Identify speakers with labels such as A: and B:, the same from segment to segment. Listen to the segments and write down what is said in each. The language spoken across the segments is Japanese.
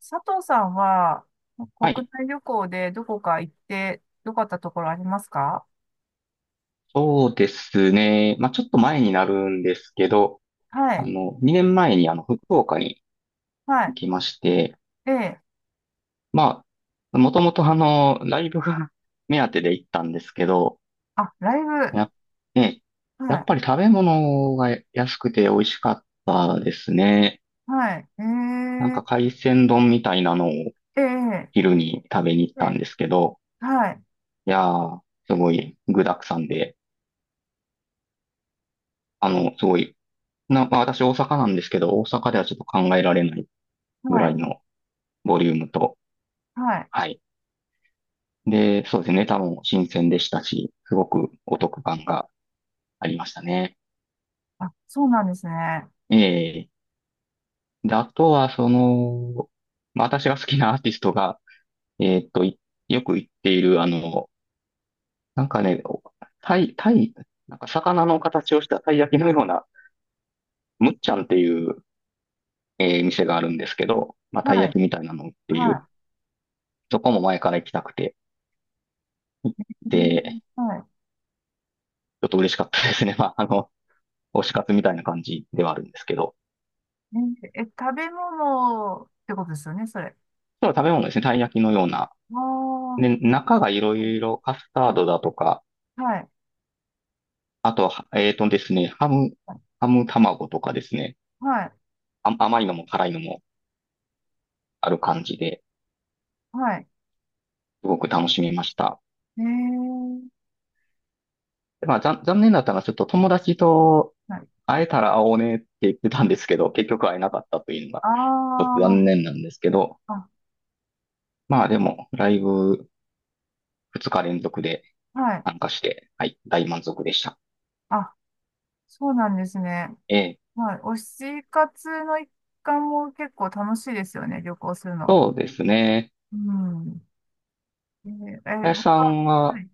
A: 佐藤さんは、
B: は
A: 国
B: い。
A: 内旅行でどこか行って良かったところありますか？
B: そうですね。まあ、ちょっと前になるんですけど、
A: はい。
B: 2年前に福岡に
A: はい。
B: 行きまして、
A: ええ。
B: まあ、もともとライブが 目当てで行ったんですけど、
A: あ、ライブ。
B: やっ、ね、
A: は
B: やっ
A: い。
B: ぱり食べ物が安くて美味しかったですね。
A: はい。え
B: なんか
A: え。
B: 海鮮丼みたいなのを
A: ええ。
B: 昼に食べに行っ
A: え
B: たん
A: え。
B: ですけど、
A: はい。
B: いやー、すごい具沢山で、すごい、まあ、私大阪なんですけど、大阪ではちょっと考えられない、ぐ
A: は
B: ら
A: い。
B: いのボリュームと。
A: はい。
B: はい。で、そうですね。ネタも新鮮でしたし、すごくお得感がありましたね。
A: あ、そうなんですね。は
B: ええ。で、あとは、その、まあ、私が好きなアーティストが、えーっと、いよく行っている、なんかね、おタイ、タイ、なんか魚の形をしたたい焼きのような、むっちゃんっていう、店があるんですけど、まあ、たい焼
A: い。
B: きみたいなのを売っている。
A: は
B: そこも前から行きたくて、
A: い。うん。
B: で、
A: はい。
B: ちょっと嬉しかったですね。まあ、推し活みたいな感じではあるんですけど。
A: ええ、食べ物ってことですよね、それ。
B: そう、食べ物ですね。たい焼きのような。
A: あ
B: で、
A: あ。
B: 中がいろいろカスタードだとか、
A: はい。
B: あとは、えーとですね、ハム卵とかですね。
A: はい。
B: あ、甘いのも辛いのもある感じで、
A: はい。
B: すごく楽しめました。
A: ええ。
B: まあ、残念だったのは、ちょっと友達と
A: はい。
B: 会えたら会おうねって言ってたんですけど、結局会えなかったというのが、ちょっ
A: あ
B: と残念なんですけど、
A: あ。あ、
B: まあでも、ライブ2日連続で
A: はい。
B: 参加して、はい、大満足でした。
A: あ、そうなんですね。
B: ええ、
A: まあ、推し活の一環も結構楽しいですよね、旅行するの。
B: そうですね。
A: うん。えー、え
B: 林さ
A: 他、
B: ん
A: は
B: は、
A: い。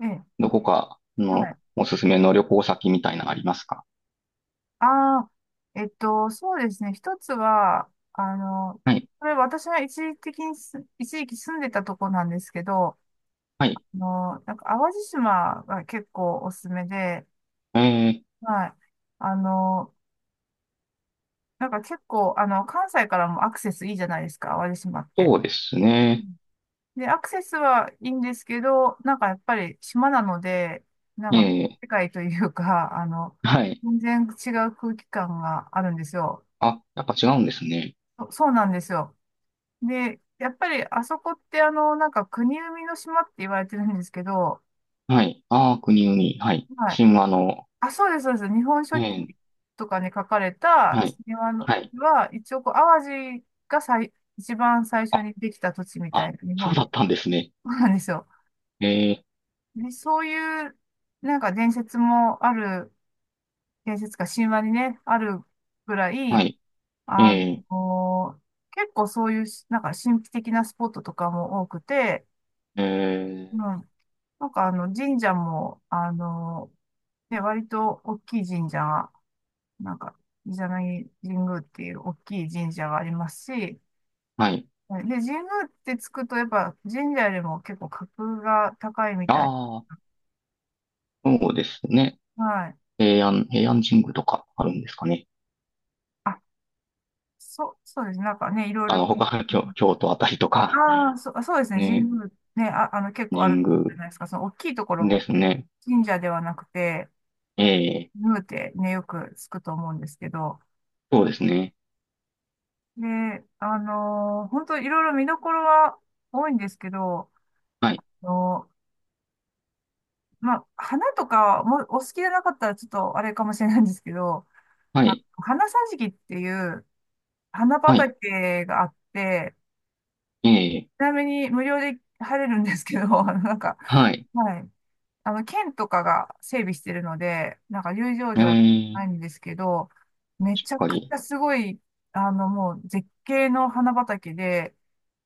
A: ええ、
B: どこか
A: は
B: の
A: い。
B: おすすめの旅行先みたいなのありますか？
A: ああ、そうですね。一つは、
B: はい。
A: これ私が一時的にす、一時期住んでたとこなんですけど、
B: はい。
A: なんか淡路島が結構おすすめで、
B: えー、
A: はい。あの、なんか結構、関西からもアクセスいいじゃないですか、淡路島って。
B: そうですね。
A: で、アクセスはいいんですけど、なんかやっぱり島なので、なん
B: え
A: か
B: ー、
A: 世界というか、
B: はい。
A: 全然違う空気感があるんですよ。
B: あ、やっぱ違うんですね。
A: そうなんですよ。で、やっぱりあそこってなんか国生みの島って言われてるんですけど、
B: はい。ああ、国々。はい。
A: はい。
B: 神話の。
A: あ、そうです、そうです。日本書
B: え
A: 紀
B: ー、
A: とかに書かれた
B: はい。
A: 島の
B: はい。
A: は、一応こう、淡路が最、一番最初
B: あ、
A: にできた土地みた
B: あ、
A: いな、日
B: そう
A: 本
B: だ
A: で。
B: ったんですね。
A: そうなんですよ。
B: えー、
A: ね、そういう、なんか伝説もある、伝説か神話にね、あるぐら
B: は
A: い、
B: い。
A: あ
B: え
A: の、結構そういう、なんか神秘的なスポットとかも多くて、
B: ー、え
A: うん、
B: ー、
A: 神社も、ね、割と大きい神社が、なんか、伊邪那木神宮っていう大きい神社がありますし、で、
B: はい。
A: 神宮ってつくと、やっぱ神社よりも結構格が高いみたい。
B: ああ、そうですね。
A: はい。
B: 平安神宮とかあるんですかね。
A: あ、そう、そうです。なんかね、いろいろ。
B: 他、京都あたりとか、
A: ああ、そうですね。神
B: ね、
A: 宮ね、結構ある
B: 神
A: じゃ
B: 宮
A: ないですか。その大きいところ、
B: ですね。
A: 神社ではなくて、
B: え
A: 神
B: え
A: 宮ってね、よくつくと思うんですけど。
B: そうですね。
A: で、本当いろいろ見どころは多いんですけど、
B: はい。
A: あのまあ、花とかもお好きじゃなかったらちょっとあれかもしれないんですけど、
B: は
A: あ、
B: い。
A: 花桟敷っていう花
B: はい。
A: 畑があって、
B: ええ。
A: ちなみに無料で入れるんですけど、
B: はい。
A: はい。県とかが整備してるので、なんか入場
B: え
A: 料ないん
B: え。
A: ですけど、め
B: しっ
A: ちゃ
B: か
A: くち
B: り。
A: ゃすごい、もう絶景の花畑で、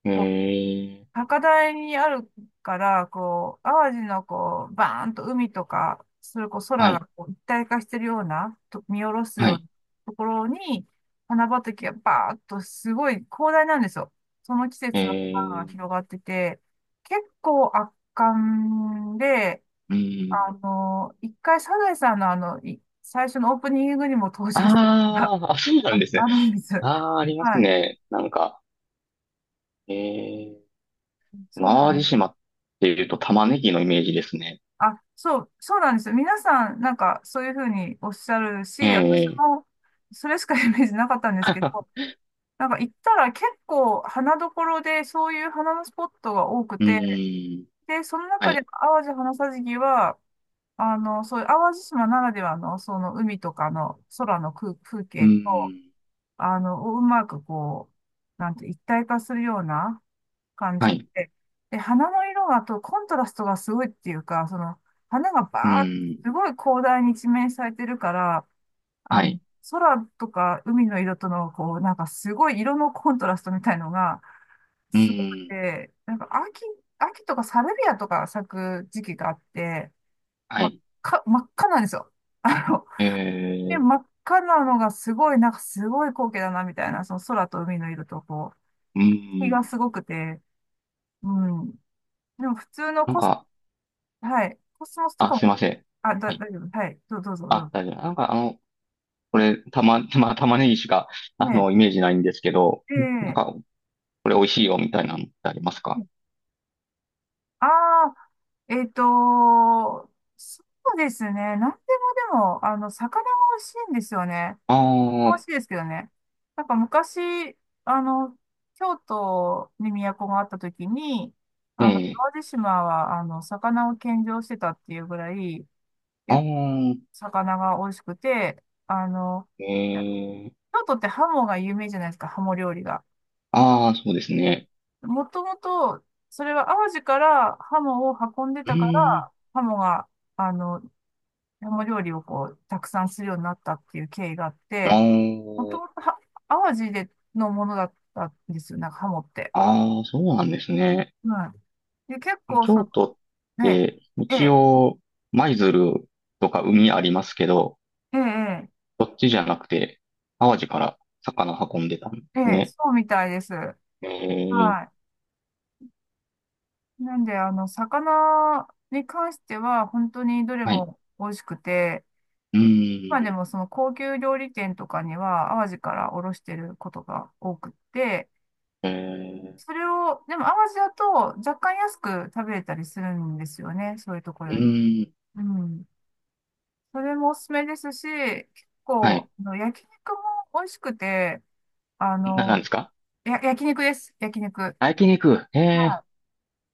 B: え
A: こう、
B: え。
A: 高台にあるから、こう、淡路のこう、バーンと海とか、それこそ
B: は
A: 空
B: い。
A: がこう一体化してるような、と見下ろすよ
B: は
A: うな
B: い。
A: ところに、花畑がバーっとすごい広大なんですよ。その季
B: え
A: 節の花が
B: え。
A: 広がってて、結構圧巻で、
B: うん。
A: 一回、サザエさんの最初のオープニングにも登場したことが
B: ああ、そうなん
A: あ、
B: ですね。
A: あるんです。
B: ああ、ありま
A: は
B: す
A: い。
B: ね。なんか、ええ。
A: そうな
B: 淡路
A: んで
B: 島
A: す。
B: っていうと玉ねぎのイメージですね。
A: あ、そう、そうなんですよ。皆さん、なんか、そういうふうにおっしゃる
B: え
A: し、私
B: え。
A: も、それしかイメージなかったんですけど、なんか行ったら結構花どころで、そういう花のスポットが多く
B: う
A: て、
B: ん。
A: で、その
B: は
A: 中で
B: い。
A: 淡路花さじきは、そういう淡路島ならではの、その海とかの空の空、風
B: う
A: 景と、
B: ん。
A: うまくこう、なんて、一体化するような感
B: は
A: じ
B: い。
A: で、で、花の色がとコントラストがすごいっていうか、その、花が
B: う
A: バーッ、
B: ん。
A: すごい広大に一面されてるから、あ
B: は
A: の、
B: い。
A: 空とか海の色との、こう、なんかすごい色のコントラストみたいのが、
B: う
A: すごく
B: ん。
A: て、秋とかサルビアとか咲く時期があって、
B: は
A: ま、
B: い。
A: 真っ赤なんですよ。あの
B: え
A: で、
B: え。
A: 真っ赤なのがすごい、なんかすごい光景だな、みたいな、その空と海の色と、こ
B: う
A: う、日が
B: ん。
A: すごくて、うん。でも普通の
B: なん
A: コス、
B: か、
A: はい、コスモスと
B: あ、
A: か
B: すい
A: も、
B: ません。
A: あ、
B: はい
A: 大丈夫、はい、どうぞ、ど
B: あ、
A: うぞ。
B: 大丈夫。なんかこれ、まあ、玉ねぎしか、
A: ね、
B: イメージないんですけど、んなん
A: で、
B: か、これ美味しいよ、みたいなのってありますか？
A: ああ、えっと、そうですね、なんでもでも、魚が美味しいんですよね。
B: ああ
A: 楽
B: ー、
A: しいですけどね。なんか昔、あの、京都に都があった時に、
B: え
A: あの、
B: え、
A: 淡路島は、魚を献上してたっていうぐらい、
B: あ
A: え
B: あ、
A: 魚が美味しくて、
B: ええ、
A: 京都ってハモが有名じゃないですか、ハモ料理が。
B: ああ、そうですね。
A: もともと、それは淡路からハモを運んで
B: う
A: たから、
B: ーん、
A: ハモが、あの、山料理をこう、たくさんするようになったっていう経緯があって、
B: あ
A: もともとは、淡路でのものだったんですよ、なんかハモって。
B: ああ、そうなんですね。
A: はい。で、結構、そ
B: 京
A: の、
B: 都っ
A: ね、
B: て、
A: え
B: 一
A: え、
B: 応、舞鶴とか海ありますけど、
A: ええ、
B: そっちじゃなくて、淡路から魚運んでたんで
A: ええ、
B: す
A: ええ
B: ね。
A: そうみたいです。は
B: ええ、
A: い。なんで、魚に関しては、本当にどれ
B: はい。
A: も美味しくて、
B: うー
A: 今
B: ん、
A: でもその高級料理店とかには、淡路から卸してることが多くって、
B: ええ
A: それを、でも淡路だと若干安く食べれたりするんですよね。そういうとこ
B: う
A: ろより。
B: ーん。
A: うん。それもおすすめですし、結
B: は
A: 構、
B: い。
A: 焼肉も美味しくて、あ
B: なん
A: の、
B: ですか？
A: 焼肉です。焼肉。はい。
B: あ、焼肉。ええ、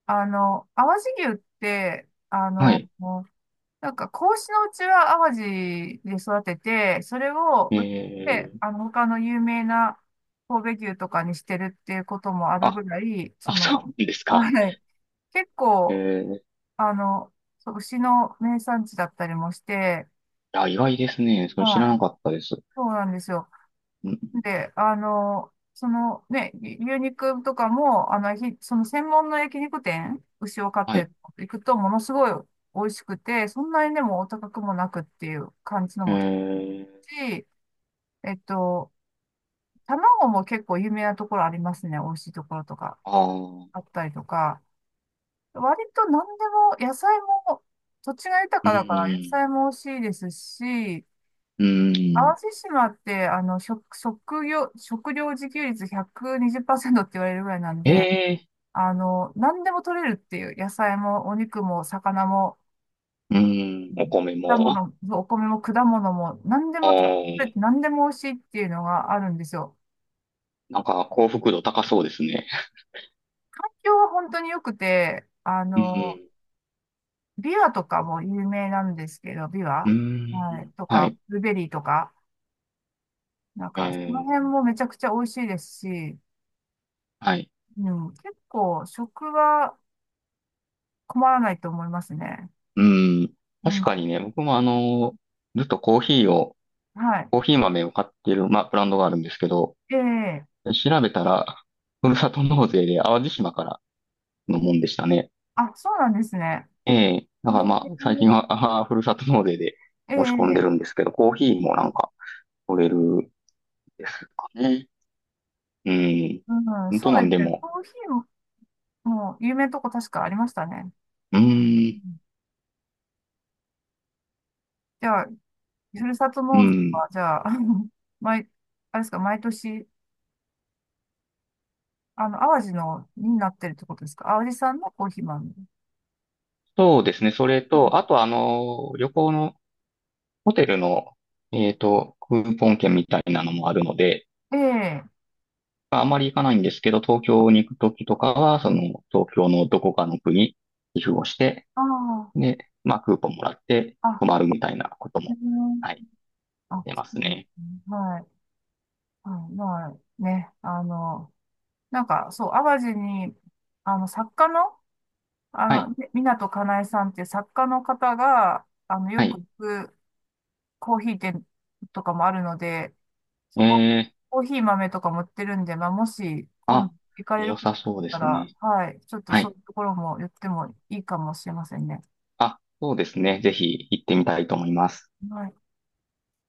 A: 淡路牛って、
B: はい。
A: もうなんか、子牛のうちは淡路で育てて、それを
B: え
A: 売って、
B: え、
A: 他の有名な神戸牛とかにしてるっていうこともある
B: あ、
A: ぐらい、そ
B: あ、
A: の、
B: そうなんですか。
A: はい。結
B: え
A: 構、
B: え、
A: あの、そう、牛の名産地だったりもして、
B: いや、意外ですね。それ知
A: は
B: らな
A: い、
B: かったです。
A: そうなんですよ。
B: うん、
A: で、そのね、牛肉とかも、その専門の焼肉店、牛を飼っ
B: はい。
A: ていくと、ものすごい美味しくて、そんなにでもお高くもなくっていう感じの
B: え
A: も高
B: え、
A: いし、えっと、卵も結構有名なところありますね。美味しいところとか
B: あ
A: あ
B: あ、
A: ったりとか、割と何でも、野菜も、土地が豊
B: う
A: かだから野
B: ーん、
A: 菜も美味しいですし、
B: う
A: 淡
B: ーん。
A: 路島って、食料自給率120%っパーセントって言われるぐらいなん
B: え
A: で、
B: え、
A: 何でも取れるっていう、野菜もお肉も魚も、
B: うー
A: う
B: ん、お
A: ん、
B: 米
A: 果
B: も。
A: 物、お米も果物も、何で
B: あ
A: も取れ
B: ー、
A: て、何でも美味しいっていうのがあるんですよ。
B: なんか幸福度高そうですね。
A: 東京は本当に良くて、
B: うん、
A: ビワとかも有名なんですけど、ビ
B: うー
A: ワ、はい、
B: ん、
A: と
B: は
A: か、
B: い。
A: ブルーベリーとか、なん
B: え
A: か、その辺
B: え、
A: もめちゃくちゃ美味しいですし、
B: はい。
A: うん、結構、食は、困らないと思いますね。
B: うん。
A: う
B: 確かに
A: ん。
B: ね、僕もずっと
A: はい。
B: コーヒー豆を買ってる、まあ、ブランドがあるんですけど、
A: ええ、
B: 調べたら、ふるさと納税で淡路島からのもんでしたね。
A: あ、そうなんですね。
B: ええ。だからまあ、最近は、ふるさと納税で
A: え
B: 申し込
A: え、
B: んでるん
A: ええ、
B: ですけど、コーヒーもな
A: え
B: ん
A: え、
B: か取れるんですかね。うん。
A: うん、
B: 本当
A: そう
B: な
A: で
B: んで
A: すね。
B: も。
A: コーヒーも、もう有名なとこ確かありましたね。
B: うー
A: う
B: ん。
A: ん。じゃあ、ふるさと
B: う
A: 納税
B: ん。
A: は、じゃあ、毎、あれですか、毎年、淡路の、になってるってことですか？淡路さんのコーヒー豆。
B: そうですね。それ
A: うん。
B: と、あと旅行のホテルの、クーポン券みたいなのもあるので、
A: ええ。
B: あまり行かないんですけど、東京に行くときとかは、その、東京のどこかの区に寄付をして、
A: ああ、
B: で、まあ、クーポンもらって
A: あ、
B: 泊まるみたいなこと
A: う
B: も、
A: ん、
B: はい、
A: あ、
B: 出
A: そ
B: ま
A: う
B: す
A: で
B: ね。
A: すね。はい、はい、まあね、なんか、そう、淡路に、作家の、
B: はい、
A: 港かなえさんっていう作家の方が、よ
B: は
A: く
B: い。
A: 行くコーヒー店とかもあるので、
B: え
A: そこ、
B: ー、
A: コーヒー豆とかも売ってるんで、まあ、もし、今
B: あ、
A: 度行かれ
B: 良
A: ること
B: さ
A: が
B: そうです
A: あっ
B: ね。
A: たら、はい、ちょっと
B: は
A: そう
B: い。
A: いうところも言ってもいいかもしれませんね。
B: あ、そうですね。ぜひ行ってみたいと思います。
A: はい。